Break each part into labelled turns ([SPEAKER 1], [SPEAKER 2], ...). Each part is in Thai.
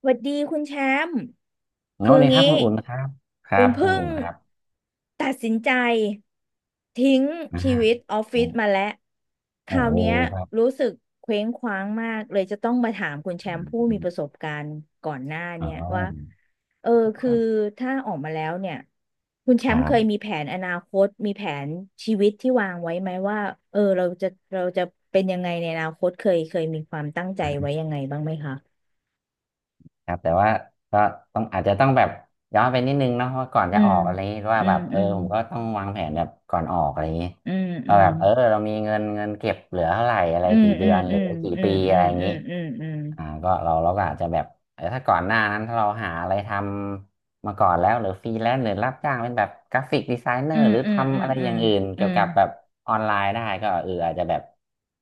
[SPEAKER 1] สวัสดีคุณแชมป์
[SPEAKER 2] ส
[SPEAKER 1] คือ
[SPEAKER 2] วัสดีครับ
[SPEAKER 1] งี้
[SPEAKER 2] คุณอุ่นนะครับครั
[SPEAKER 1] อุ่น
[SPEAKER 2] บคุณ
[SPEAKER 1] เพิ่ง
[SPEAKER 2] อุ่นครับ
[SPEAKER 1] ตัดสินใจทิ้งชีวิต
[SPEAKER 2] อ่า
[SPEAKER 1] ออฟฟิศมาแล้วค
[SPEAKER 2] โอ้
[SPEAKER 1] ราว
[SPEAKER 2] โห
[SPEAKER 1] เนี้ย
[SPEAKER 2] ครั
[SPEAKER 1] รู้
[SPEAKER 2] บ
[SPEAKER 1] สึกเคว้งคว้างมากเลยจะต้องมาถามคุณแชมป์ผู้มีประสบการณ์ก่อนหน้า
[SPEAKER 2] อ๋อ
[SPEAKER 1] เนี่ยว่าเออ
[SPEAKER 2] ค
[SPEAKER 1] คือ
[SPEAKER 2] รับ
[SPEAKER 1] ถ้าออกมาแล้วเนี่ยคุณแช
[SPEAKER 2] ค
[SPEAKER 1] ม
[SPEAKER 2] รั
[SPEAKER 1] ป์เคยมี
[SPEAKER 2] บ
[SPEAKER 1] แผนอนาคตมีแผนชีวิตที่วางไว้ไหมว่าเออเราจะเป็นยังไงในอนาคตเคยมีความตั้งใจไว้ยังไงบ้างไหมคะ
[SPEAKER 2] ครับแต่ว่าก็ต้องอาจจะต้องแบบย้อนไปนิดนึงเนาะว่าก่อน
[SPEAKER 1] อื
[SPEAKER 2] จะอ
[SPEAKER 1] ม
[SPEAKER 2] อกอะไรอย่างงี้ว่า
[SPEAKER 1] อื
[SPEAKER 2] แบ
[SPEAKER 1] ม
[SPEAKER 2] บเอ
[SPEAKER 1] อื
[SPEAKER 2] อ
[SPEAKER 1] ม
[SPEAKER 2] ผมก็ต้องวางแผนแบบก่อนออกอะไรอย่างงี้
[SPEAKER 1] อืมอื
[SPEAKER 2] ว่า
[SPEAKER 1] ม
[SPEAKER 2] แบบเออเรามีเงินเก็บเหลือเท่าไหร่อะไร
[SPEAKER 1] อืม
[SPEAKER 2] กี่
[SPEAKER 1] อื
[SPEAKER 2] เดือ
[SPEAKER 1] ม
[SPEAKER 2] นห
[SPEAKER 1] อื
[SPEAKER 2] รือ
[SPEAKER 1] ม
[SPEAKER 2] กี่
[SPEAKER 1] อื
[SPEAKER 2] ปี
[SPEAKER 1] มอื
[SPEAKER 2] อะไร
[SPEAKER 1] ม
[SPEAKER 2] อย่าง
[SPEAKER 1] อื
[SPEAKER 2] งี้
[SPEAKER 1] มอืม
[SPEAKER 2] อ่าก็เราก็อาจจะแบบเออถ้าก่อนหน้านั้นถ้าเราหาอะไรทำมาก่อนแล้วหรือฟรีแลนซ์หรือรับจ้างเป็นแบบกราฟิกดีไซเนอ
[SPEAKER 1] อื
[SPEAKER 2] ร์
[SPEAKER 1] ม
[SPEAKER 2] หรือ
[SPEAKER 1] อืมอื
[SPEAKER 2] ทำ
[SPEAKER 1] ม
[SPEAKER 2] อะไร
[SPEAKER 1] อื
[SPEAKER 2] อ
[SPEAKER 1] ม
[SPEAKER 2] ย่างอื่น
[SPEAKER 1] อืมอื
[SPEAKER 2] เกี่ยว
[SPEAKER 1] ม
[SPEAKER 2] กับแบบออนไลน์ได้ก็เอออาจจะแบบ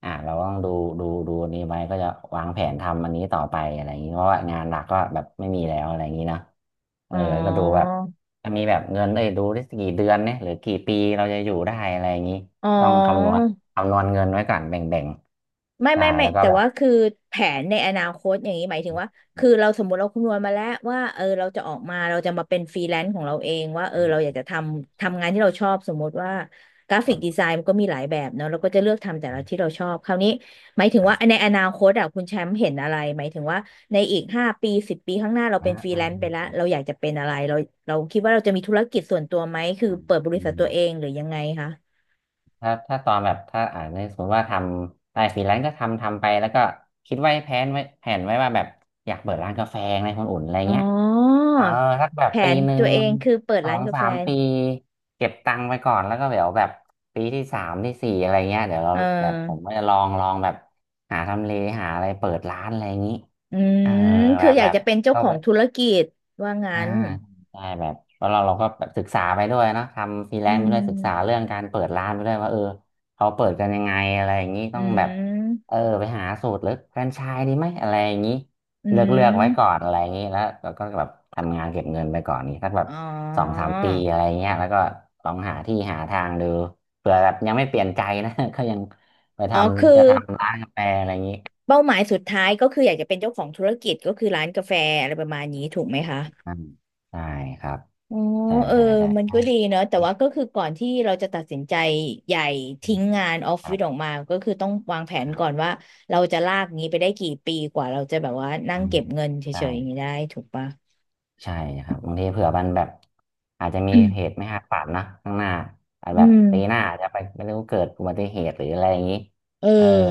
[SPEAKER 2] อ่าเราก็ต้องดูอันนี้ไว้ก็จะวางแผนทำอันนี้ต่อไปอะไรอย่างนี้เพราะว่างานหลักก็แบบไม่มีแล้วอะไรอย่างนี้เนอะเอ
[SPEAKER 1] อ๋
[SPEAKER 2] อ
[SPEAKER 1] อ
[SPEAKER 2] แล้วก็ดูแบบจะมีแบบเงินเลยดูได้กี่เดือนเนี่ยหรือกี่ปีเราจะอยู่ได้อะไรอย่างนี้
[SPEAKER 1] อ๋อ
[SPEAKER 2] ต้องคำนวณเงินไว้ก่อนแบ่ง
[SPEAKER 1] ไม่
[SPEAKER 2] ๆใช่
[SPEAKER 1] ไม่ไม่
[SPEAKER 2] แล้วก็
[SPEAKER 1] แต่
[SPEAKER 2] แบบ
[SPEAKER 1] ว่าคือแผนในอนาคตอย่างนี้หมายถึงว่าคือเราสมมติเราคำนวณมาแล้วว่าเออเราจะออกมาเราจะมาเป็นฟรีแลนซ์ของเราเองว่าเออเราอยากจะทำงานที่เราชอบสมมติว่ากรา
[SPEAKER 2] ค
[SPEAKER 1] ฟิกดี
[SPEAKER 2] รับ
[SPEAKER 1] ไซน์มันก็มีหลายแบบเนาะเราก็จะเลือกทำแต่ละที่เราชอบคราวนี้หมายถึง
[SPEAKER 2] ครั
[SPEAKER 1] ว่าใน
[SPEAKER 2] บ
[SPEAKER 1] อนาคตอ่ะคุณแชมป์เห็นอะไรหมายถึงว่าในอีก5 ปี10 ปีข้างหน้าเรา
[SPEAKER 2] อ่า
[SPEAKER 1] เป็นฟรี
[SPEAKER 2] อ่า
[SPEAKER 1] แลนซ์ไปแล้วเราอยากจะเป็นอะไรเราคิดว่าเราจะมีธุรกิจส่วนตัวไหมคือ
[SPEAKER 2] อ่า
[SPEAKER 1] เปิดบริ
[SPEAKER 2] อื
[SPEAKER 1] ษัท
[SPEAKER 2] ม
[SPEAKER 1] ตัวเองหรือยังไงคะ
[SPEAKER 2] ถ้าถ้าตอนแบบถ้าอ่านในสมมติว่าทำได้ฟรีแลนซ์ก็ทำไปแล้วก็คิดไว้แผนไว้ว่าแบบอยากเปิดร้านกาแฟในคนอุ่นอะไร
[SPEAKER 1] อ๋
[SPEAKER 2] เงี้ย
[SPEAKER 1] อ
[SPEAKER 2] เออสักแบบ
[SPEAKER 1] แผ
[SPEAKER 2] ปี
[SPEAKER 1] น
[SPEAKER 2] หนึ่
[SPEAKER 1] ตั
[SPEAKER 2] ง
[SPEAKER 1] วเองคือเปิด
[SPEAKER 2] สอ
[SPEAKER 1] ร้าน
[SPEAKER 2] ง
[SPEAKER 1] กา
[SPEAKER 2] สา
[SPEAKER 1] แฟ
[SPEAKER 2] มปีเก็บตังค์ไปก่อนแล้วก็เดี๋ยวแบบปีที่สามที่สี่อะไรเงี้ยเดี๋ยวเรา
[SPEAKER 1] เอ
[SPEAKER 2] แบบผม
[SPEAKER 1] อ
[SPEAKER 2] ก็จะลองแบบหาทำเลหาอะไรเปิดร้านอะไรอย่างนี้
[SPEAKER 1] อื
[SPEAKER 2] เออ
[SPEAKER 1] ม
[SPEAKER 2] แบ
[SPEAKER 1] คือ
[SPEAKER 2] บ
[SPEAKER 1] อยา
[SPEAKER 2] แบ
[SPEAKER 1] ก
[SPEAKER 2] บ
[SPEAKER 1] จะเป็นเจ้า
[SPEAKER 2] เข้า
[SPEAKER 1] ขอ
[SPEAKER 2] ไป
[SPEAKER 1] งธุรกิจว่างั้
[SPEAKER 2] อ่า
[SPEAKER 1] น
[SPEAKER 2] ใช่แบบเพราะเราก็แบบศึกษาไปด้วยเนอะทำฟรีแล
[SPEAKER 1] อื
[SPEAKER 2] นซ์ไปด้วยศึกษา
[SPEAKER 1] ม
[SPEAKER 2] เรื่องการเปิดร้านไปด้วยว่าเออเขาเปิดกันยังไงอะไรอย่างนี้
[SPEAKER 1] อื
[SPEAKER 2] ต้องแบบเอ
[SPEAKER 1] ม
[SPEAKER 2] อไปหาสูตรหรือแฟรนไชส์ดีไหมอะไรอย่างนี้
[SPEAKER 1] อื
[SPEAKER 2] เลือก
[SPEAKER 1] ม
[SPEAKER 2] ไว้ก่อนอะไรอย่างนี้แล้วเราก็แบบทำงานเก็บเงินไปก่อนนี้สักแบบ
[SPEAKER 1] อ๋
[SPEAKER 2] สอง
[SPEAKER 1] อ
[SPEAKER 2] สามปีอะไรเงี้ยแล้วก็ลองหาที่หาทางดูเผื่อแบบยังไม่เปลี่ยนใจนะ ก็ยังไปท
[SPEAKER 1] อ๋อคือ
[SPEAKER 2] ำจะทำร้านกาแฟอะไรอย่างนี้
[SPEAKER 1] เป้าหมายสุดท้ายก็คืออยากจะเป็นเจ้าของธุรกิจก็คือร้านกาแฟอะไรประมาณนี้ถูกไหมคะ
[SPEAKER 2] อ่าใช่ครับ
[SPEAKER 1] อ๋อ
[SPEAKER 2] ใช่
[SPEAKER 1] เออ
[SPEAKER 2] ใช่ใช่
[SPEAKER 1] มัน
[SPEAKER 2] ครั
[SPEAKER 1] ก็
[SPEAKER 2] บ
[SPEAKER 1] ดีเนอะแต่ว่าก็คือก่อนที่เราจะตัดสินใจใหญ่ทิ้งงานออฟ
[SPEAKER 2] ค
[SPEAKER 1] ฟิ
[SPEAKER 2] รั
[SPEAKER 1] ศออก
[SPEAKER 2] บ
[SPEAKER 1] มาก็คือต้องวางแผนก่อนว่าเราจะลากงี้ไปได้กี่ปีกว่าเราจะแบบว่านั่
[SPEAKER 2] อื
[SPEAKER 1] งเก็
[SPEAKER 2] ม
[SPEAKER 1] บเงินเฉ
[SPEAKER 2] ใช่
[SPEAKER 1] ยๆอย่างนี้ได้ถูกปะ
[SPEAKER 2] ใช่ครับบางทีเผื่อมันแบบอาจจะมีเห ตุไม่คาดฝันนะข้างหน้าอาจ
[SPEAKER 1] อื
[SPEAKER 2] แบบ
[SPEAKER 1] ม
[SPEAKER 2] ปีหน้าอาจจะไปไม่รู้เกิดอุบัติเหตุหรืออะไรอย่างนี้
[SPEAKER 1] เอ
[SPEAKER 2] เออ
[SPEAKER 1] อ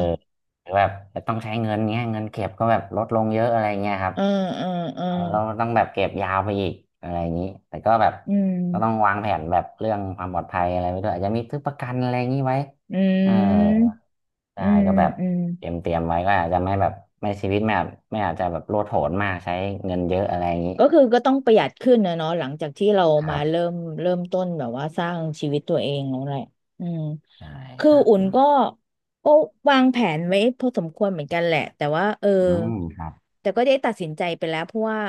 [SPEAKER 2] หรือแบบต้องใช้เงินเงี้ยเงินเก็บก็แบบลดลงเยอะอะไรเงี้ยครับ
[SPEAKER 1] เออเออเออ
[SPEAKER 2] เออเราต้องแบบเก็บยาวไปอีกอะไรอย่างนี้แต่ก็แบบ
[SPEAKER 1] อืม
[SPEAKER 2] ก็ต้องวางแผนแบบเรื่องความปลอดภัยอะไรไว้ด้วยอาจจะมีซื้อประกันอะไรอย่างนี้ไว้
[SPEAKER 1] อื
[SPEAKER 2] เออ
[SPEAKER 1] มอื
[SPEAKER 2] ได้
[SPEAKER 1] ม
[SPEAKER 2] ก็แบบ
[SPEAKER 1] อืม
[SPEAKER 2] เตรียมไว้ก็อาจจะไม่แบบไม่ชีวิตไม่อาจจะแบบโลดโผนมากใช้เงินเยอะอะไรอย่างนี้
[SPEAKER 1] ก็คือก็ต้องประหยัดขึ้นนะเนาะหลังจากที่เรา
[SPEAKER 2] ค
[SPEAKER 1] มา
[SPEAKER 2] รับ
[SPEAKER 1] เริ่มต้นแบบว่าสร้างชีวิตตัวเองแล้วแหละอืม
[SPEAKER 2] ใช่
[SPEAKER 1] คื
[SPEAKER 2] ค
[SPEAKER 1] อ
[SPEAKER 2] รับ
[SPEAKER 1] อุ่
[SPEAKER 2] อ
[SPEAKER 1] นก็วางแผนไว้พอสมควรเหมือนกันแหละแต่ว่าเออ
[SPEAKER 2] ืมครับ
[SPEAKER 1] แต่ก็ได้ตัดสินใจไปแล้วเพราะว่า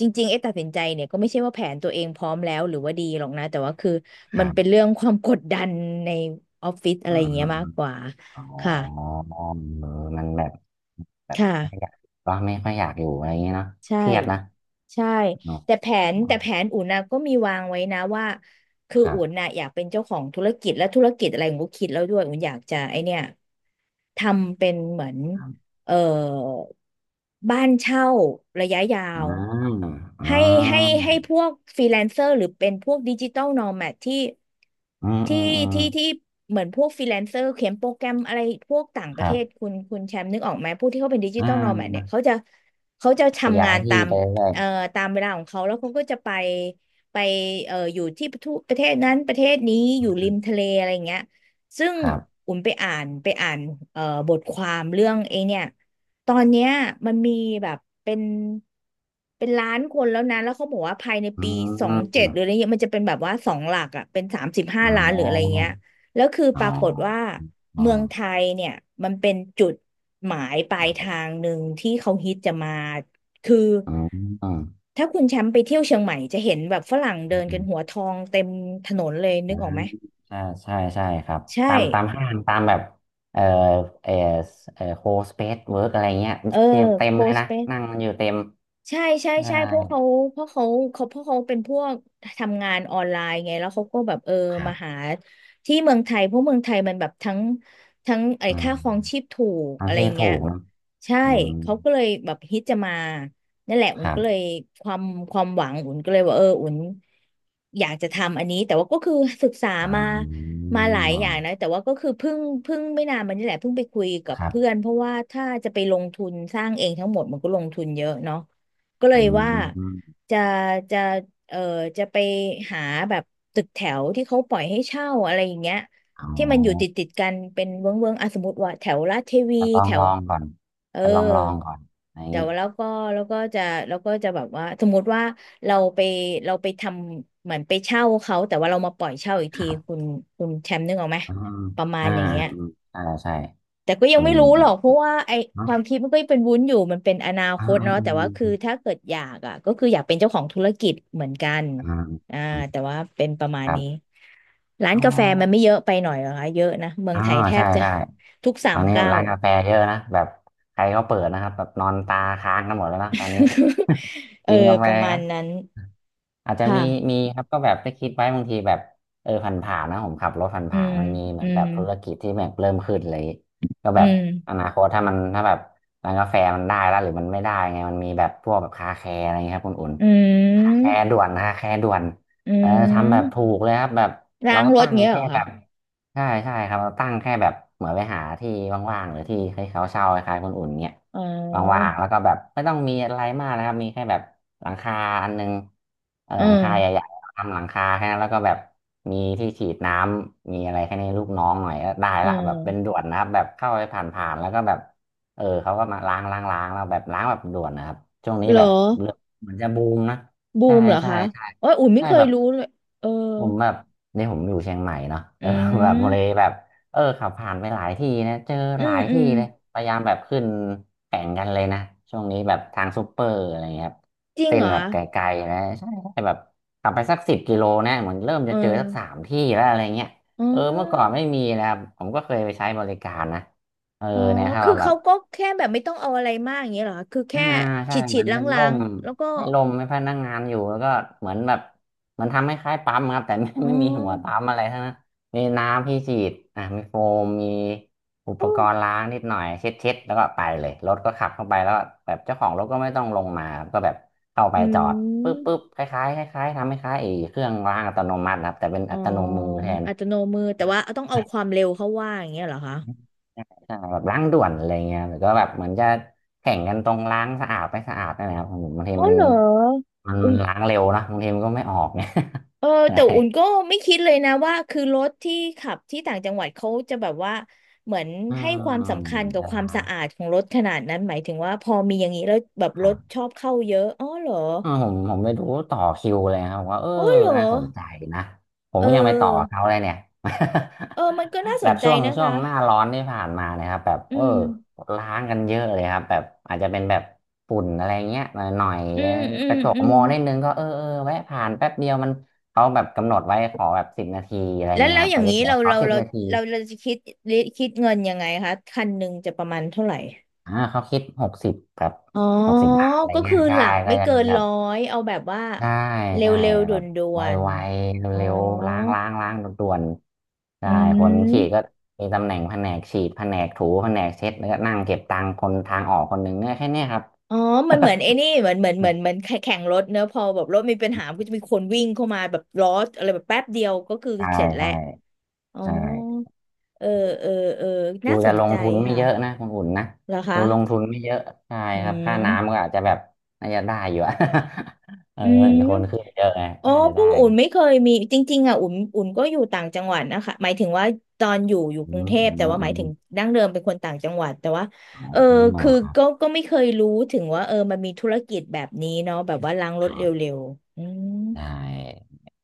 [SPEAKER 1] จริงๆไอ้ตัดสินใจเนี่ยก็ไม่ใช่ว่าแผนตัวเองพร้อมแล้วหรือว่าดีหรอกนะแต่ว่าคือ
[SPEAKER 2] ค
[SPEAKER 1] มัน
[SPEAKER 2] รั
[SPEAKER 1] เป็น
[SPEAKER 2] บ
[SPEAKER 1] เรื่องความกดดันในออฟฟิศอะ
[SPEAKER 2] อ๋
[SPEAKER 1] ไรอย่างเงี้ยมากก
[SPEAKER 2] อ
[SPEAKER 1] ว่า
[SPEAKER 2] อ๋
[SPEAKER 1] ค่ะ
[SPEAKER 2] อเออมันแบบแบบ
[SPEAKER 1] ค่ะ
[SPEAKER 2] ไม่อยากก็ไม่ค่อยอยากอยู่อะไรอย่างเงี้ยเนาะ
[SPEAKER 1] ใช่
[SPEAKER 2] เครียดนะ
[SPEAKER 1] ใช่
[SPEAKER 2] เนอะ
[SPEAKER 1] แต่แผน
[SPEAKER 2] อื
[SPEAKER 1] แต่
[SPEAKER 2] ม
[SPEAKER 1] แผนอุ่นนะก็มีวางไว้นะว่าคือ
[SPEAKER 2] ครั
[SPEAKER 1] อุ่น
[SPEAKER 2] บ
[SPEAKER 1] น่ะอยากเป็นเจ้าของธุรกิจและธุรกิจอะไรอุ่นก็คิดแล้วด้วยอุ่นอยากจะไอเนี่ยทำเป็นเหมือน
[SPEAKER 2] ครับ
[SPEAKER 1] เอ่อบ้านเช่าระยะยา
[SPEAKER 2] อ่า
[SPEAKER 1] ว
[SPEAKER 2] อ่
[SPEAKER 1] ให้ให้
[SPEAKER 2] า
[SPEAKER 1] ให้พวกฟรีแลนเซอร์หรือเป็นพวกดิจิตอลนอแมดที่
[SPEAKER 2] อืม
[SPEAKER 1] ที่
[SPEAKER 2] อืมอืม
[SPEAKER 1] ที่เหมือนพวกฟรีแลนเซอร์เขียนโปรแกรมอะไรพวกต่างป
[SPEAKER 2] ค
[SPEAKER 1] ระเท
[SPEAKER 2] รั
[SPEAKER 1] ศ
[SPEAKER 2] บ
[SPEAKER 1] คุณแชมป์นึกออกไหมพวกที่เขาเป็นดิจิต
[SPEAKER 2] อ่า
[SPEAKER 1] อลนอแมดเนี่ยเขาจะ
[SPEAKER 2] ข
[SPEAKER 1] ทำ
[SPEAKER 2] ยา
[SPEAKER 1] งา
[SPEAKER 2] ย
[SPEAKER 1] น
[SPEAKER 2] ที่
[SPEAKER 1] ตาม
[SPEAKER 2] ไปเรื่อย
[SPEAKER 1] เอ่อตามเวลาของเขาแล้วเขาก็จะไปอยู่ที่ประเทศนั้นประเทศนี้อยู่ริมทะเลอะไรอย่างเงี้ยซึ่ง
[SPEAKER 2] ๆครับ
[SPEAKER 1] อุ่นไปอ่านเอ่อบทความเรื่องไอ้เนี่ยตอนเนี้ยมันมีแบบเป็นเป็นล้านคนแล้วนะแล้วเขาบอกว่าภายใน
[SPEAKER 2] อื
[SPEAKER 1] ปี2027หรืออะไร
[SPEAKER 2] ม
[SPEAKER 1] เงี้ยมันจะเป็นแบบว่าสองหลักอ่ะเป็นสามสิบห้า
[SPEAKER 2] อ๋
[SPEAKER 1] ล้านหรืออะไร
[SPEAKER 2] อ
[SPEAKER 1] เงี้ยแล้วคือ
[SPEAKER 2] อ๋
[SPEAKER 1] ป
[SPEAKER 2] อ
[SPEAKER 1] รากฏว่า
[SPEAKER 2] อ๋
[SPEAKER 1] เมืองไท
[SPEAKER 2] อ
[SPEAKER 1] ยเนี่ยมันเป็นจุดหมายปลายทางหนึ่งที่เขาฮิตจะมา คือ
[SPEAKER 2] อื
[SPEAKER 1] ถ้าคุณแชมป์ไปเที่ยวเชียงใหม่จะเห็นแบบฝรั่งเดินกันหัว
[SPEAKER 2] ม
[SPEAKER 1] ทองเต็มถนนเลยนึกออกไหม
[SPEAKER 2] อ่าใช่ใช่ใช่ครับ
[SPEAKER 1] ใช่
[SPEAKER 2] ตามห้างตามแบบเอ่อเอ่อโคสเปซเวิร์กอะไรเงี้ย
[SPEAKER 1] เออ
[SPEAKER 2] เต็ม
[SPEAKER 1] โค
[SPEAKER 2] เลย
[SPEAKER 1] ส
[SPEAKER 2] นะ
[SPEAKER 1] เป
[SPEAKER 2] นั่งกันอยู่เต็ม
[SPEAKER 1] ใช่ใช่
[SPEAKER 2] ใช่
[SPEAKER 1] ใช่เพราะเขาเพราะเขาเขาเพราะเขาเป็นพวกทำงานออนไลน์ไงแล้วเขาก็แบบเออ
[SPEAKER 2] ครั
[SPEAKER 1] มาหา
[SPEAKER 2] บ
[SPEAKER 1] ที่เมืองไทยเพราะเมืองไทยมันแบบทั้งไอ้
[SPEAKER 2] อื
[SPEAKER 1] ค่าครอง
[SPEAKER 2] ม
[SPEAKER 1] ชีพถูก
[SPEAKER 2] เอา
[SPEAKER 1] อะไรอ
[SPEAKER 2] ที่
[SPEAKER 1] ย่างเงี้
[SPEAKER 2] ถู
[SPEAKER 1] ย
[SPEAKER 2] กนะ
[SPEAKER 1] ใช่
[SPEAKER 2] อืม
[SPEAKER 1] เขาก็เลยแบบฮิตจะมานั่นแหละ
[SPEAKER 2] ค
[SPEAKER 1] อุ่น
[SPEAKER 2] รั
[SPEAKER 1] ก็เลย
[SPEAKER 2] บ
[SPEAKER 1] ความความหวังอุ่นก็เลยว่าเอออุ่นอยากจะทำอันนี้แต่ว่าก็คือศึกษา
[SPEAKER 2] อ๋
[SPEAKER 1] มา
[SPEAKER 2] อ
[SPEAKER 1] มาหลายอย่างนะแต่ว่าก็คือเพิ่งไม่นานมานี่แหละเพิ่งไปคุยกับ
[SPEAKER 2] ครับ
[SPEAKER 1] เพื่อนเพราะว่าถ้าจะไปลงทุนสร้างเองทั้งหมดมันก็ลงทุนเยอะเนาะ ก็เล
[SPEAKER 2] อื
[SPEAKER 1] ยว่า
[SPEAKER 2] ม
[SPEAKER 1] จะจะเออจะไปหาแบบตึกแถวที่เขาปล่อยให้เช่าอะไรอย่างเงี้ย
[SPEAKER 2] อ๋อ
[SPEAKER 1] ที่มันอยู่ติดกันเป็นเวิ้งอ่ะสมมติว่าแถวลาดเทวี
[SPEAKER 2] จะลอ
[SPEAKER 1] แถ
[SPEAKER 2] งล
[SPEAKER 1] ว
[SPEAKER 2] องก่อน
[SPEAKER 1] เออ
[SPEAKER 2] จะลองลองก่อนอะไรอย่าง
[SPEAKER 1] แต่
[SPEAKER 2] นี้
[SPEAKER 1] ว่าแล้วก็จะแล้วก็จะแบบว่าสมมติว่าเราไปเราไปทำเหมือนไปเช่าเขาแต่ว่าเรามาปล่อยเช่าอีก
[SPEAKER 2] ค
[SPEAKER 1] ที
[SPEAKER 2] รั
[SPEAKER 1] คุ
[SPEAKER 2] บ
[SPEAKER 1] ณแชมป์นึกออกไหม
[SPEAKER 2] อ่า
[SPEAKER 1] ประมาณ
[SPEAKER 2] อ่า
[SPEAKER 1] อย่างเงี้ย
[SPEAKER 2] อ่าใช่ใช่
[SPEAKER 1] แต่ก็ยั
[SPEAKER 2] อื
[SPEAKER 1] งไม่
[SPEAKER 2] ม
[SPEAKER 1] รู้หรอกเพราะว่าไอค
[SPEAKER 2] เนาะ
[SPEAKER 1] วามคิดมันก็ยังเป็นวุ้นอยู่มันเป็นอนาค
[SPEAKER 2] อ่า
[SPEAKER 1] ต
[SPEAKER 2] อ่
[SPEAKER 1] เนาะแต่ว่าคือ
[SPEAKER 2] า
[SPEAKER 1] ถ้าเกิดอยากอ่ะก็คืออยากเป็นเจ้าของธุรกิจเหมือนกัน
[SPEAKER 2] อ่
[SPEAKER 1] อ่าแต่
[SPEAKER 2] อ่า
[SPEAKER 1] ว่าเป็นประมา
[SPEAKER 2] ค
[SPEAKER 1] ณ
[SPEAKER 2] รั
[SPEAKER 1] นี้
[SPEAKER 2] บ
[SPEAKER 1] ร้าน
[SPEAKER 2] อ๋อ
[SPEAKER 1] กาแฟมันไม่เยอะไปหน่อยเหรอคะเยอะนะเมือง
[SPEAKER 2] อ๋อ
[SPEAKER 1] ไทยแท
[SPEAKER 2] ใช่
[SPEAKER 1] บจะ
[SPEAKER 2] ใช่
[SPEAKER 1] ทุกสา
[SPEAKER 2] ตอ
[SPEAKER 1] ม
[SPEAKER 2] นนี้
[SPEAKER 1] เก้าว
[SPEAKER 2] ร้านกาแฟเยอะนะแบบใครเขาเปิดนะครับแบบนอนตาค้างกันหมดแล้วนะตอนนี้
[SPEAKER 1] เออ
[SPEAKER 2] กินกาแฟ
[SPEAKER 1] ประมา
[SPEAKER 2] ครั
[SPEAKER 1] ณ
[SPEAKER 2] บ
[SPEAKER 1] นั้น
[SPEAKER 2] อาจจะมี
[SPEAKER 1] ค่ะ
[SPEAKER 2] มีครับก็แบบได้คิดไว้บางทีแบบเออผ่านๆนะผมขับรถผ
[SPEAKER 1] อื
[SPEAKER 2] ่าน
[SPEAKER 1] ม
[SPEAKER 2] ๆมันมีเหมื
[SPEAKER 1] อื
[SPEAKER 2] อนแบ
[SPEAKER 1] ม
[SPEAKER 2] บธุรกิจที่แบบเริ่มขึ้นเลยก็
[SPEAKER 1] อื
[SPEAKER 2] แบบ
[SPEAKER 1] ม
[SPEAKER 2] อนาคตถ้ามันถ้าแบบร้านกาแฟมันได้แล้วหรือมันไม่ได้ไงมันมีแบบพวกแบบคาแคร์อะไรเงี้ยครับคุณอุ่น
[SPEAKER 1] อื
[SPEAKER 2] คาแค
[SPEAKER 1] ม
[SPEAKER 2] ร์ด่วนคาแคร์ด่วน
[SPEAKER 1] อื
[SPEAKER 2] เออทำแบบ
[SPEAKER 1] ม
[SPEAKER 2] ถูกเลยครับแบบ
[SPEAKER 1] ล้า
[SPEAKER 2] เรา
[SPEAKER 1] งรถ
[SPEAKER 2] ตั้ง
[SPEAKER 1] เงี้ยเหร
[SPEAKER 2] แค่
[SPEAKER 1] อ
[SPEAKER 2] แบ
[SPEAKER 1] คะ
[SPEAKER 2] บใช่ใช่ครับเราตั้งแค่แบบเหมือนไปหาที่ว่างๆหรือที่ให้เขาเช่าคล้ายๆคนอุ่นเงี้ย
[SPEAKER 1] อ๋
[SPEAKER 2] ว่า
[SPEAKER 1] อ
[SPEAKER 2] งๆแล้วก็แบบไม่ต้องมีอะไรมากนะครับมีแค่แบบ หลังคาอันหนึงเออ
[SPEAKER 1] เออ
[SPEAKER 2] หลังคาใหญ่ๆทำหลังคาแค่นั้นแล้วก็แบบมีที่ฉีดน้ำมีอะไรแค่นี้ลูกน้องหน่อยก็ได้
[SPEAKER 1] เออ
[SPEAKER 2] ละแบบเป็นด่วนนะครับแบบเข้าไปผ่านๆแล้วก็แบบเออเขาก็มาล้างล้างล้างแล้วแบบล้างแบบด่วนนะครับช่วงนี้
[SPEAKER 1] เหรอ
[SPEAKER 2] แบบเรื่องเหมือนจะบูมนะ
[SPEAKER 1] บู
[SPEAKER 2] ใช่
[SPEAKER 1] มเหรอ
[SPEAKER 2] ใช่
[SPEAKER 1] คะ
[SPEAKER 2] ใช่
[SPEAKER 1] โอ้ยอุ่นไม่
[SPEAKER 2] ใช่
[SPEAKER 1] เคย
[SPEAKER 2] แบบ
[SPEAKER 1] รู้เลยเออ
[SPEAKER 2] ผมแบบนี่ผมอยู่เชียงใหม่เนาะ
[SPEAKER 1] อื
[SPEAKER 2] เออแบบเลย
[SPEAKER 1] ม
[SPEAKER 2] แบบ เออขับผ่านไปหลายที่นะเจอ
[SPEAKER 1] อื
[SPEAKER 2] หลา
[SPEAKER 1] ม
[SPEAKER 2] ย
[SPEAKER 1] อื
[SPEAKER 2] ที่
[SPEAKER 1] ม
[SPEAKER 2] เลยพยายามแบบขึ้นแข่งกันเลยนะช่วงนี้แบบทางซูเปอร์อะไรเงี้ยครับ
[SPEAKER 1] จริง
[SPEAKER 2] เส้น
[SPEAKER 1] เหรอ
[SPEAKER 2] แบบไกลๆนะใช่ใช่แบบขับไปสัก10 กิโลนะเหมือนเริ่ม
[SPEAKER 1] เออ
[SPEAKER 2] จะเจอสักสามที่แล้วอะไรเงี้ย
[SPEAKER 1] อ๋อ
[SPEAKER 2] เออเมื่อก่อนไม่มีนะครับผมก็เคยไปใช้บริการนะเออ
[SPEAKER 1] อ๋อ
[SPEAKER 2] เนี่ยถ้า
[SPEAKER 1] คือ
[SPEAKER 2] เราแบ
[SPEAKER 1] เขา
[SPEAKER 2] บ
[SPEAKER 1] ก็แค่แบบไม่ต้องเอาอะไรมากอย่างเงี้ยเหรอคะคือ
[SPEAKER 2] อ่า
[SPEAKER 1] แค่
[SPEAKER 2] ใช่
[SPEAKER 1] ฉีด
[SPEAKER 2] เห
[SPEAKER 1] ฉี
[SPEAKER 2] มื
[SPEAKER 1] ด
[SPEAKER 2] อน
[SPEAKER 1] ล
[SPEAKER 2] เป็น
[SPEAKER 1] ้า
[SPEAKER 2] ร่
[SPEAKER 1] ง
[SPEAKER 2] ม
[SPEAKER 1] ๆแล้วก็
[SPEAKER 2] ให้ร่มให้พนักงานอยู่แล้วก็เหมือนแบบมันทำให้คล้ายปั๊มครับแต่ไม่
[SPEAKER 1] อ๋ อ
[SPEAKER 2] ไม่มีหัวปั๊มอะไรทั้งนั้นมีน้ำที่ฉีดอ่ามีโฟมมีอุปกรณ์ล้างนิดหน่อยเช็ดเช็ดแล้วก็ไปเลยรถก็ขับเข้าไปแล้วก็แบบเจ้าของรถก็ไม่ต้องลงมาครับก็แบบเข้าไป
[SPEAKER 1] อื
[SPEAKER 2] จ
[SPEAKER 1] ม
[SPEAKER 2] อดปุ๊
[SPEAKER 1] อ
[SPEAKER 2] บปุ๊บ
[SPEAKER 1] ม
[SPEAKER 2] คล้ายๆคล้ายๆทำให้คล้ายๆไอ้เครื่องล้างอัตโนมัตินะครับแต่เป็น
[SPEAKER 1] อ๋อ
[SPEAKER 2] อัตโนมือแทน
[SPEAKER 1] อัตโนมือแต่ว่าต้องเอาความเร็วเข้าว่าอย่างเงี้ยเหรอคะ
[SPEAKER 2] ใช่แบบล้างด่วนอะไรเงี้ยหรือก็แบบเหมือนจะแข่งกันตรงล้างสะอาดไม่สะอาดนั่นแหละครับบางที
[SPEAKER 1] อ๋อ
[SPEAKER 2] มัน
[SPEAKER 1] เหรอ
[SPEAKER 2] มัน
[SPEAKER 1] อุ้ม
[SPEAKER 2] ล้างเร็วนะบางทีมันก็ไม่ออกเนี่ย
[SPEAKER 1] เออ
[SPEAKER 2] ใช่
[SPEAKER 1] แต่อุ่นก็ไม่คิดเลยนะว่าคือรถที่ขับที่ต่างจังหวัดเขาจะแบบว่าเหมือน
[SPEAKER 2] อื
[SPEAKER 1] ให้
[SPEAKER 2] ม
[SPEAKER 1] ความสำคัญกับ
[SPEAKER 2] จะ
[SPEAKER 1] ควา
[SPEAKER 2] ล้า
[SPEAKER 1] มสะ
[SPEAKER 2] ง
[SPEAKER 1] อาดของรถขนาดนั้นหมายถึงว่าพอมีอย่างนี้แล้วแบบ
[SPEAKER 2] ค
[SPEAKER 1] ร
[SPEAKER 2] รั
[SPEAKER 1] ถ
[SPEAKER 2] บ
[SPEAKER 1] ชอบเข้าเยอะอ๋อเหรอ
[SPEAKER 2] อ่าผมไปดูต่อคิวเลยครับว่าเออ
[SPEAKER 1] อ๋อเหรอ
[SPEAKER 2] น่าสนใจนะผม
[SPEAKER 1] เ
[SPEAKER 2] ก็ยังไปต่อ
[SPEAKER 1] ออ
[SPEAKER 2] เขาเลยเนี่ย
[SPEAKER 1] เออมันก็น่า ส
[SPEAKER 2] แบ
[SPEAKER 1] น
[SPEAKER 2] บ
[SPEAKER 1] ใจ
[SPEAKER 2] ช่วง
[SPEAKER 1] นะ
[SPEAKER 2] ช่ว
[SPEAKER 1] คะ
[SPEAKER 2] งหน้าร้อนที่ผ่านมาเนะครับแบบ
[SPEAKER 1] อื
[SPEAKER 2] เออ
[SPEAKER 1] ม
[SPEAKER 2] ล้างกันเยอะเลยครับแบบอาจจะเป็นแบบฝุ่นอะไรเงี้ยหน่อยหน่อย
[SPEAKER 1] อืมอื
[SPEAKER 2] ก
[SPEAKER 1] ม
[SPEAKER 2] ระจก
[SPEAKER 1] อื
[SPEAKER 2] ม
[SPEAKER 1] ม
[SPEAKER 2] องนิดนึงก็เออเออแวะผ่านแป๊บเดียวมันเขาแบบกำหนดไว้ขอแบบสิบนาทีอะไร
[SPEAKER 1] แล้ว
[SPEAKER 2] เงี้ย
[SPEAKER 1] แล้
[SPEAKER 2] ค
[SPEAKER 1] ว
[SPEAKER 2] รั
[SPEAKER 1] อ
[SPEAKER 2] บ
[SPEAKER 1] ย่าง
[SPEAKER 2] เขาจะ
[SPEAKER 1] นี้
[SPEAKER 2] เขียน
[SPEAKER 1] เรา
[SPEAKER 2] ขอ
[SPEAKER 1] เรา
[SPEAKER 2] สิบ
[SPEAKER 1] เรา
[SPEAKER 2] นาที
[SPEAKER 1] เราเราจะคิดเงินยังไงคะคันหนึ่งจะประมาณเท่าไหร่
[SPEAKER 2] อ่าเขาคิดหกสิบแบบ
[SPEAKER 1] อ๋อ
[SPEAKER 2] 60 บาทอะไร
[SPEAKER 1] ก็
[SPEAKER 2] เงี้
[SPEAKER 1] คื
[SPEAKER 2] ย
[SPEAKER 1] อห
[SPEAKER 2] ใช่
[SPEAKER 1] ลัก
[SPEAKER 2] ก็
[SPEAKER 1] ไม่
[SPEAKER 2] จะ
[SPEAKER 1] เกิ
[SPEAKER 2] มี
[SPEAKER 1] น
[SPEAKER 2] แบ
[SPEAKER 1] ร้
[SPEAKER 2] บ
[SPEAKER 1] อยเอาแบบว่า
[SPEAKER 2] ใช่
[SPEAKER 1] เร
[SPEAKER 2] ใช่
[SPEAKER 1] ็วๆด
[SPEAKER 2] แบบ
[SPEAKER 1] ่
[SPEAKER 2] ไ
[SPEAKER 1] วน
[SPEAKER 2] วๆ
[SPEAKER 1] ๆอ๋อ
[SPEAKER 2] เร็วๆล้างล้างล้างด่วนๆ
[SPEAKER 1] อื
[SPEAKER 2] ใช่คนฉีดก็
[SPEAKER 1] ม
[SPEAKER 2] มีตำแหน่งแผนกฉีดแผนกถูแผนกเช็ดแล้วก็นั่งเก็บตังค์คนทางออกคนหนึ่งเนี่ยแค่เนี้ยครับ
[SPEAKER 1] อ๋อมัน เหมือนไอ้นี่เหมือนเหมือนเหมือนเหมือนแข่งรถเนอะพอแบบรถมีปัญหาก็จะมีคนวิ่งเข้ามาแบบล้ออะไรแบบแป๊บเดียวก็คือ
[SPEAKER 2] ใช่
[SPEAKER 1] เสร็จแล้ว
[SPEAKER 2] ใช่
[SPEAKER 1] อ๋อ
[SPEAKER 2] ใช่
[SPEAKER 1] เออเออ เออ
[SPEAKER 2] ดู
[SPEAKER 1] น่าส
[SPEAKER 2] จะ
[SPEAKER 1] น
[SPEAKER 2] ล
[SPEAKER 1] ใจ
[SPEAKER 2] งทุนไม่
[SPEAKER 1] ค่ะ
[SPEAKER 2] เยอะนะคุณอุ่นนะ
[SPEAKER 1] เหรอ
[SPEAKER 2] ดู
[SPEAKER 1] คะ
[SPEAKER 2] ลงทุนไม่เยอะใช่
[SPEAKER 1] อื
[SPEAKER 2] ครับค่าน้ำ
[SPEAKER 1] ม
[SPEAKER 2] ก็อาจจะแบบน่าจะได้อยู่อะ เออ
[SPEAKER 1] อื
[SPEAKER 2] เห็นคนขึ้
[SPEAKER 1] ม
[SPEAKER 2] นเยอะไง
[SPEAKER 1] อ๋อ
[SPEAKER 2] น่าจะ
[SPEAKER 1] พว
[SPEAKER 2] ได้
[SPEAKER 1] กอุ่นไม่เคยมีจริงๆอ่ะอุ่นอุ่นก็อยู่ต่างจังหวัดนะคะ หมายถึงว่าตอนอยู่
[SPEAKER 2] อื
[SPEAKER 1] กรุง
[SPEAKER 2] ม
[SPEAKER 1] เทพ
[SPEAKER 2] อื
[SPEAKER 1] แต่
[SPEAKER 2] ม
[SPEAKER 1] ว่าห
[SPEAKER 2] อื
[SPEAKER 1] มายถึง
[SPEAKER 2] ม
[SPEAKER 1] ดั้งเดิมเป็นคนต่างจังหวัดแต่ว่า
[SPEAKER 2] อ
[SPEAKER 1] เออ
[SPEAKER 2] ๋อ
[SPEAKER 1] คือ
[SPEAKER 2] ครับ
[SPEAKER 1] ก็ไม่เคยรู้ถึงว่าเออมันมีธุรกิจแบบนี้เนาะแบบว่าล้างรถเร็วๆอืม
[SPEAKER 2] ใช่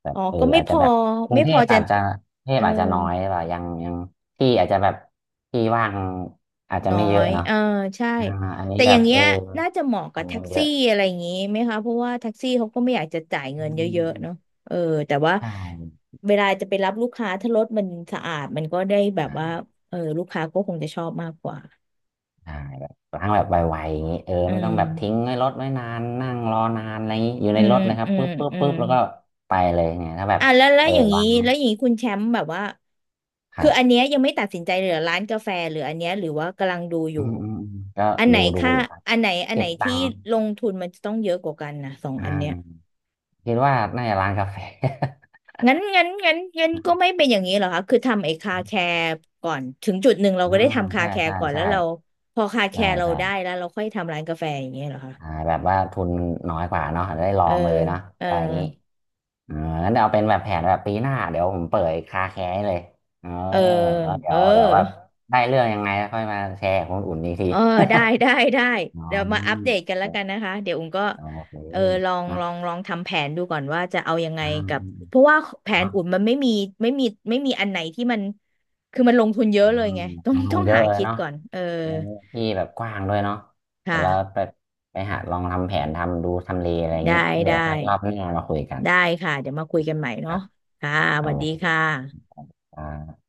[SPEAKER 2] แบบ
[SPEAKER 1] อ๋อ
[SPEAKER 2] เออ
[SPEAKER 1] ก็ไม่
[SPEAKER 2] อาจ
[SPEAKER 1] พ
[SPEAKER 2] จะ
[SPEAKER 1] อ
[SPEAKER 2] แบบกรุ
[SPEAKER 1] ไม่
[SPEAKER 2] งเท
[SPEAKER 1] พอ
[SPEAKER 2] พ
[SPEAKER 1] จะ
[SPEAKER 2] อาจจะกรุงเท
[SPEAKER 1] เอ
[SPEAKER 2] พ
[SPEAKER 1] อ
[SPEAKER 2] อาจจะน้อยป่ายังที่อาจจะแบบที่ว่างอาจจะ
[SPEAKER 1] น้อ
[SPEAKER 2] ไม่เยอะ
[SPEAKER 1] ย
[SPEAKER 2] เนาะ
[SPEAKER 1] เออใช่
[SPEAKER 2] อ่าอันนี้
[SPEAKER 1] แต่อ
[SPEAKER 2] แบ
[SPEAKER 1] ย่า
[SPEAKER 2] บ
[SPEAKER 1] ง
[SPEAKER 2] เอ
[SPEAKER 1] เงี้
[SPEAKER 2] อ
[SPEAKER 1] ยน่าจะเหมาะกับ
[SPEAKER 2] ทำ
[SPEAKER 1] แท็
[SPEAKER 2] กั
[SPEAKER 1] ก
[SPEAKER 2] นเย
[SPEAKER 1] ซี่
[SPEAKER 2] อะ
[SPEAKER 1] อะไรอย่างงี้ไหมคะเพราะว่าแท็กซี่เขาก็ไม่อยากจะจ่าย
[SPEAKER 2] อื
[SPEAKER 1] เงิน
[SPEAKER 2] ม
[SPEAKER 1] เย
[SPEAKER 2] อืม
[SPEAKER 1] อะ
[SPEAKER 2] อื
[SPEAKER 1] ๆ
[SPEAKER 2] ม
[SPEAKER 1] เนาะเออแต่ว่า
[SPEAKER 2] ใช่
[SPEAKER 1] เวลาจะไปรับลูกค้าถ้ารถมันสะอาดมันก็ได้แบบว่า
[SPEAKER 2] ใช่
[SPEAKER 1] เออลูกค้าก็คงจะชอบมากกว่า
[SPEAKER 2] ใช่แบบล้างแบบไวๆอย่างนี้เออ
[SPEAKER 1] อื
[SPEAKER 2] ไม่ต้องแบบทิ้ง
[SPEAKER 1] ม
[SPEAKER 2] ไว้รถไว้นานนั่งรอนานอะไรอย่างนี้อยู่
[SPEAKER 1] อื
[SPEAKER 2] ในร
[SPEAKER 1] ม
[SPEAKER 2] ถเลยครับ
[SPEAKER 1] อืม
[SPEAKER 2] ปุ๊บปุ๊บ
[SPEAKER 1] อื
[SPEAKER 2] ปุ๊
[SPEAKER 1] ม
[SPEAKER 2] บแล้วก็ไปเลยเนี่ยถ้าแบบ
[SPEAKER 1] อ่ะ
[SPEAKER 2] เออวาง
[SPEAKER 1] แล้วอย่างนี้คุณแชมป์แบบว่า
[SPEAKER 2] ค
[SPEAKER 1] คื
[SPEAKER 2] รั
[SPEAKER 1] ออันเนี้
[SPEAKER 2] บ
[SPEAKER 1] ยยังไม่ตัดสินใจเลยเหรือร้านกาแฟหรืออันเนี้ยหรือว่ากำลังดูอ
[SPEAKER 2] อื
[SPEAKER 1] ยู่
[SPEAKER 2] มอืมอืมก็
[SPEAKER 1] อันไหน
[SPEAKER 2] ดู
[SPEAKER 1] ค่า
[SPEAKER 2] อยู่ครับ
[SPEAKER 1] อัน
[SPEAKER 2] เก็
[SPEAKER 1] ไหน
[SPEAKER 2] บตั
[SPEAKER 1] ที่
[SPEAKER 2] งค์
[SPEAKER 1] ลงทุนมันจะต้องเยอะกว่ากันนะสอง
[SPEAKER 2] อ่
[SPEAKER 1] อันเนี้ย
[SPEAKER 2] าคิดว่าน่าจะร้านกาแฟ
[SPEAKER 1] งั้นก็ไม่เป็นอย่างนี้เหรอคะคือทำไอ้คาแคร์ก่อนถึงจุดหนึ่งเราก็
[SPEAKER 2] อ่า
[SPEAKER 1] ได้ทำคา
[SPEAKER 2] ใช่
[SPEAKER 1] แคร์
[SPEAKER 2] ใช่
[SPEAKER 1] ก่อนแล้
[SPEAKER 2] ใช่
[SPEAKER 1] วเราพอคาแค
[SPEAKER 2] ใช่
[SPEAKER 1] ร์เรา
[SPEAKER 2] ใช่
[SPEAKER 1] ได้แล้วเราค่อยทำร้านกาแฟอย่างนงี้เหรอคะ
[SPEAKER 2] อ่าแบบว่าทุนน้อยกว่าเนาะอาจจะได้ลอ
[SPEAKER 1] เออ
[SPEAKER 2] งเลยเนาะ
[SPEAKER 1] เออ
[SPEAKER 2] อะไรอย่างนี้เอองั้นเดี๋ยวเอาเป็นแบบแผนแบบปีหน้าเดี๋ยวผมเปิดคาแคร์ให้เลยเออ
[SPEAKER 1] เออ
[SPEAKER 2] แล้วเดี๋
[SPEAKER 1] เอ
[SPEAKER 2] ย
[SPEAKER 1] อ
[SPEAKER 2] วเดี๋ยวว่าได้เรื่องยังไงแล้วค่อยมาแชร์กับคนอุ่นอีกที
[SPEAKER 1] เออได้ ได้ได้
[SPEAKER 2] อ๋อ
[SPEAKER 1] เดี๋ยวมาอัปเดตกันแล้วกันนะคะเดี๋ยวอุ้งก็
[SPEAKER 2] โอเค
[SPEAKER 1] เออลอง
[SPEAKER 2] นะ
[SPEAKER 1] ลองทำแผนดูก่อนว่าจะเอายังไง
[SPEAKER 2] อ่า
[SPEAKER 1] กับ
[SPEAKER 2] อืม
[SPEAKER 1] เพราะว่าแผ
[SPEAKER 2] ๆ
[SPEAKER 1] น
[SPEAKER 2] เนาะ
[SPEAKER 1] อุ่นมันไม่มีไม่มีอันไหนที่มันคือมันลงทุนเย
[SPEAKER 2] อ่า
[SPEAKER 1] อะเลยไงต้อ
[SPEAKER 2] ล
[SPEAKER 1] ง
[SPEAKER 2] งทุ
[SPEAKER 1] ต้อ
[SPEAKER 2] น
[SPEAKER 1] ง
[SPEAKER 2] เยอะ
[SPEAKER 1] หา
[SPEAKER 2] เลย
[SPEAKER 1] คิด
[SPEAKER 2] เนาะ
[SPEAKER 1] ก่อนเออ
[SPEAKER 2] เออที่แบบกว้างด้วยเนาะเดี๋ยวเรา
[SPEAKER 1] ค่ะ
[SPEAKER 2] ไปหาลองทำแผนทำดูทำเลอะไรอย่าง
[SPEAKER 1] ได้
[SPEAKER 2] นี้แล้วเดี๋ย
[SPEAKER 1] ได้
[SPEAKER 2] วค่อยรอบหน้ามาคุยกัน
[SPEAKER 1] ได้ค่ะเดี๋ยวมาคุยกันใหม่เนาะค่ะส
[SPEAKER 2] โอ
[SPEAKER 1] วัสดีค่
[SPEAKER 2] เค
[SPEAKER 1] ะ
[SPEAKER 2] อ่า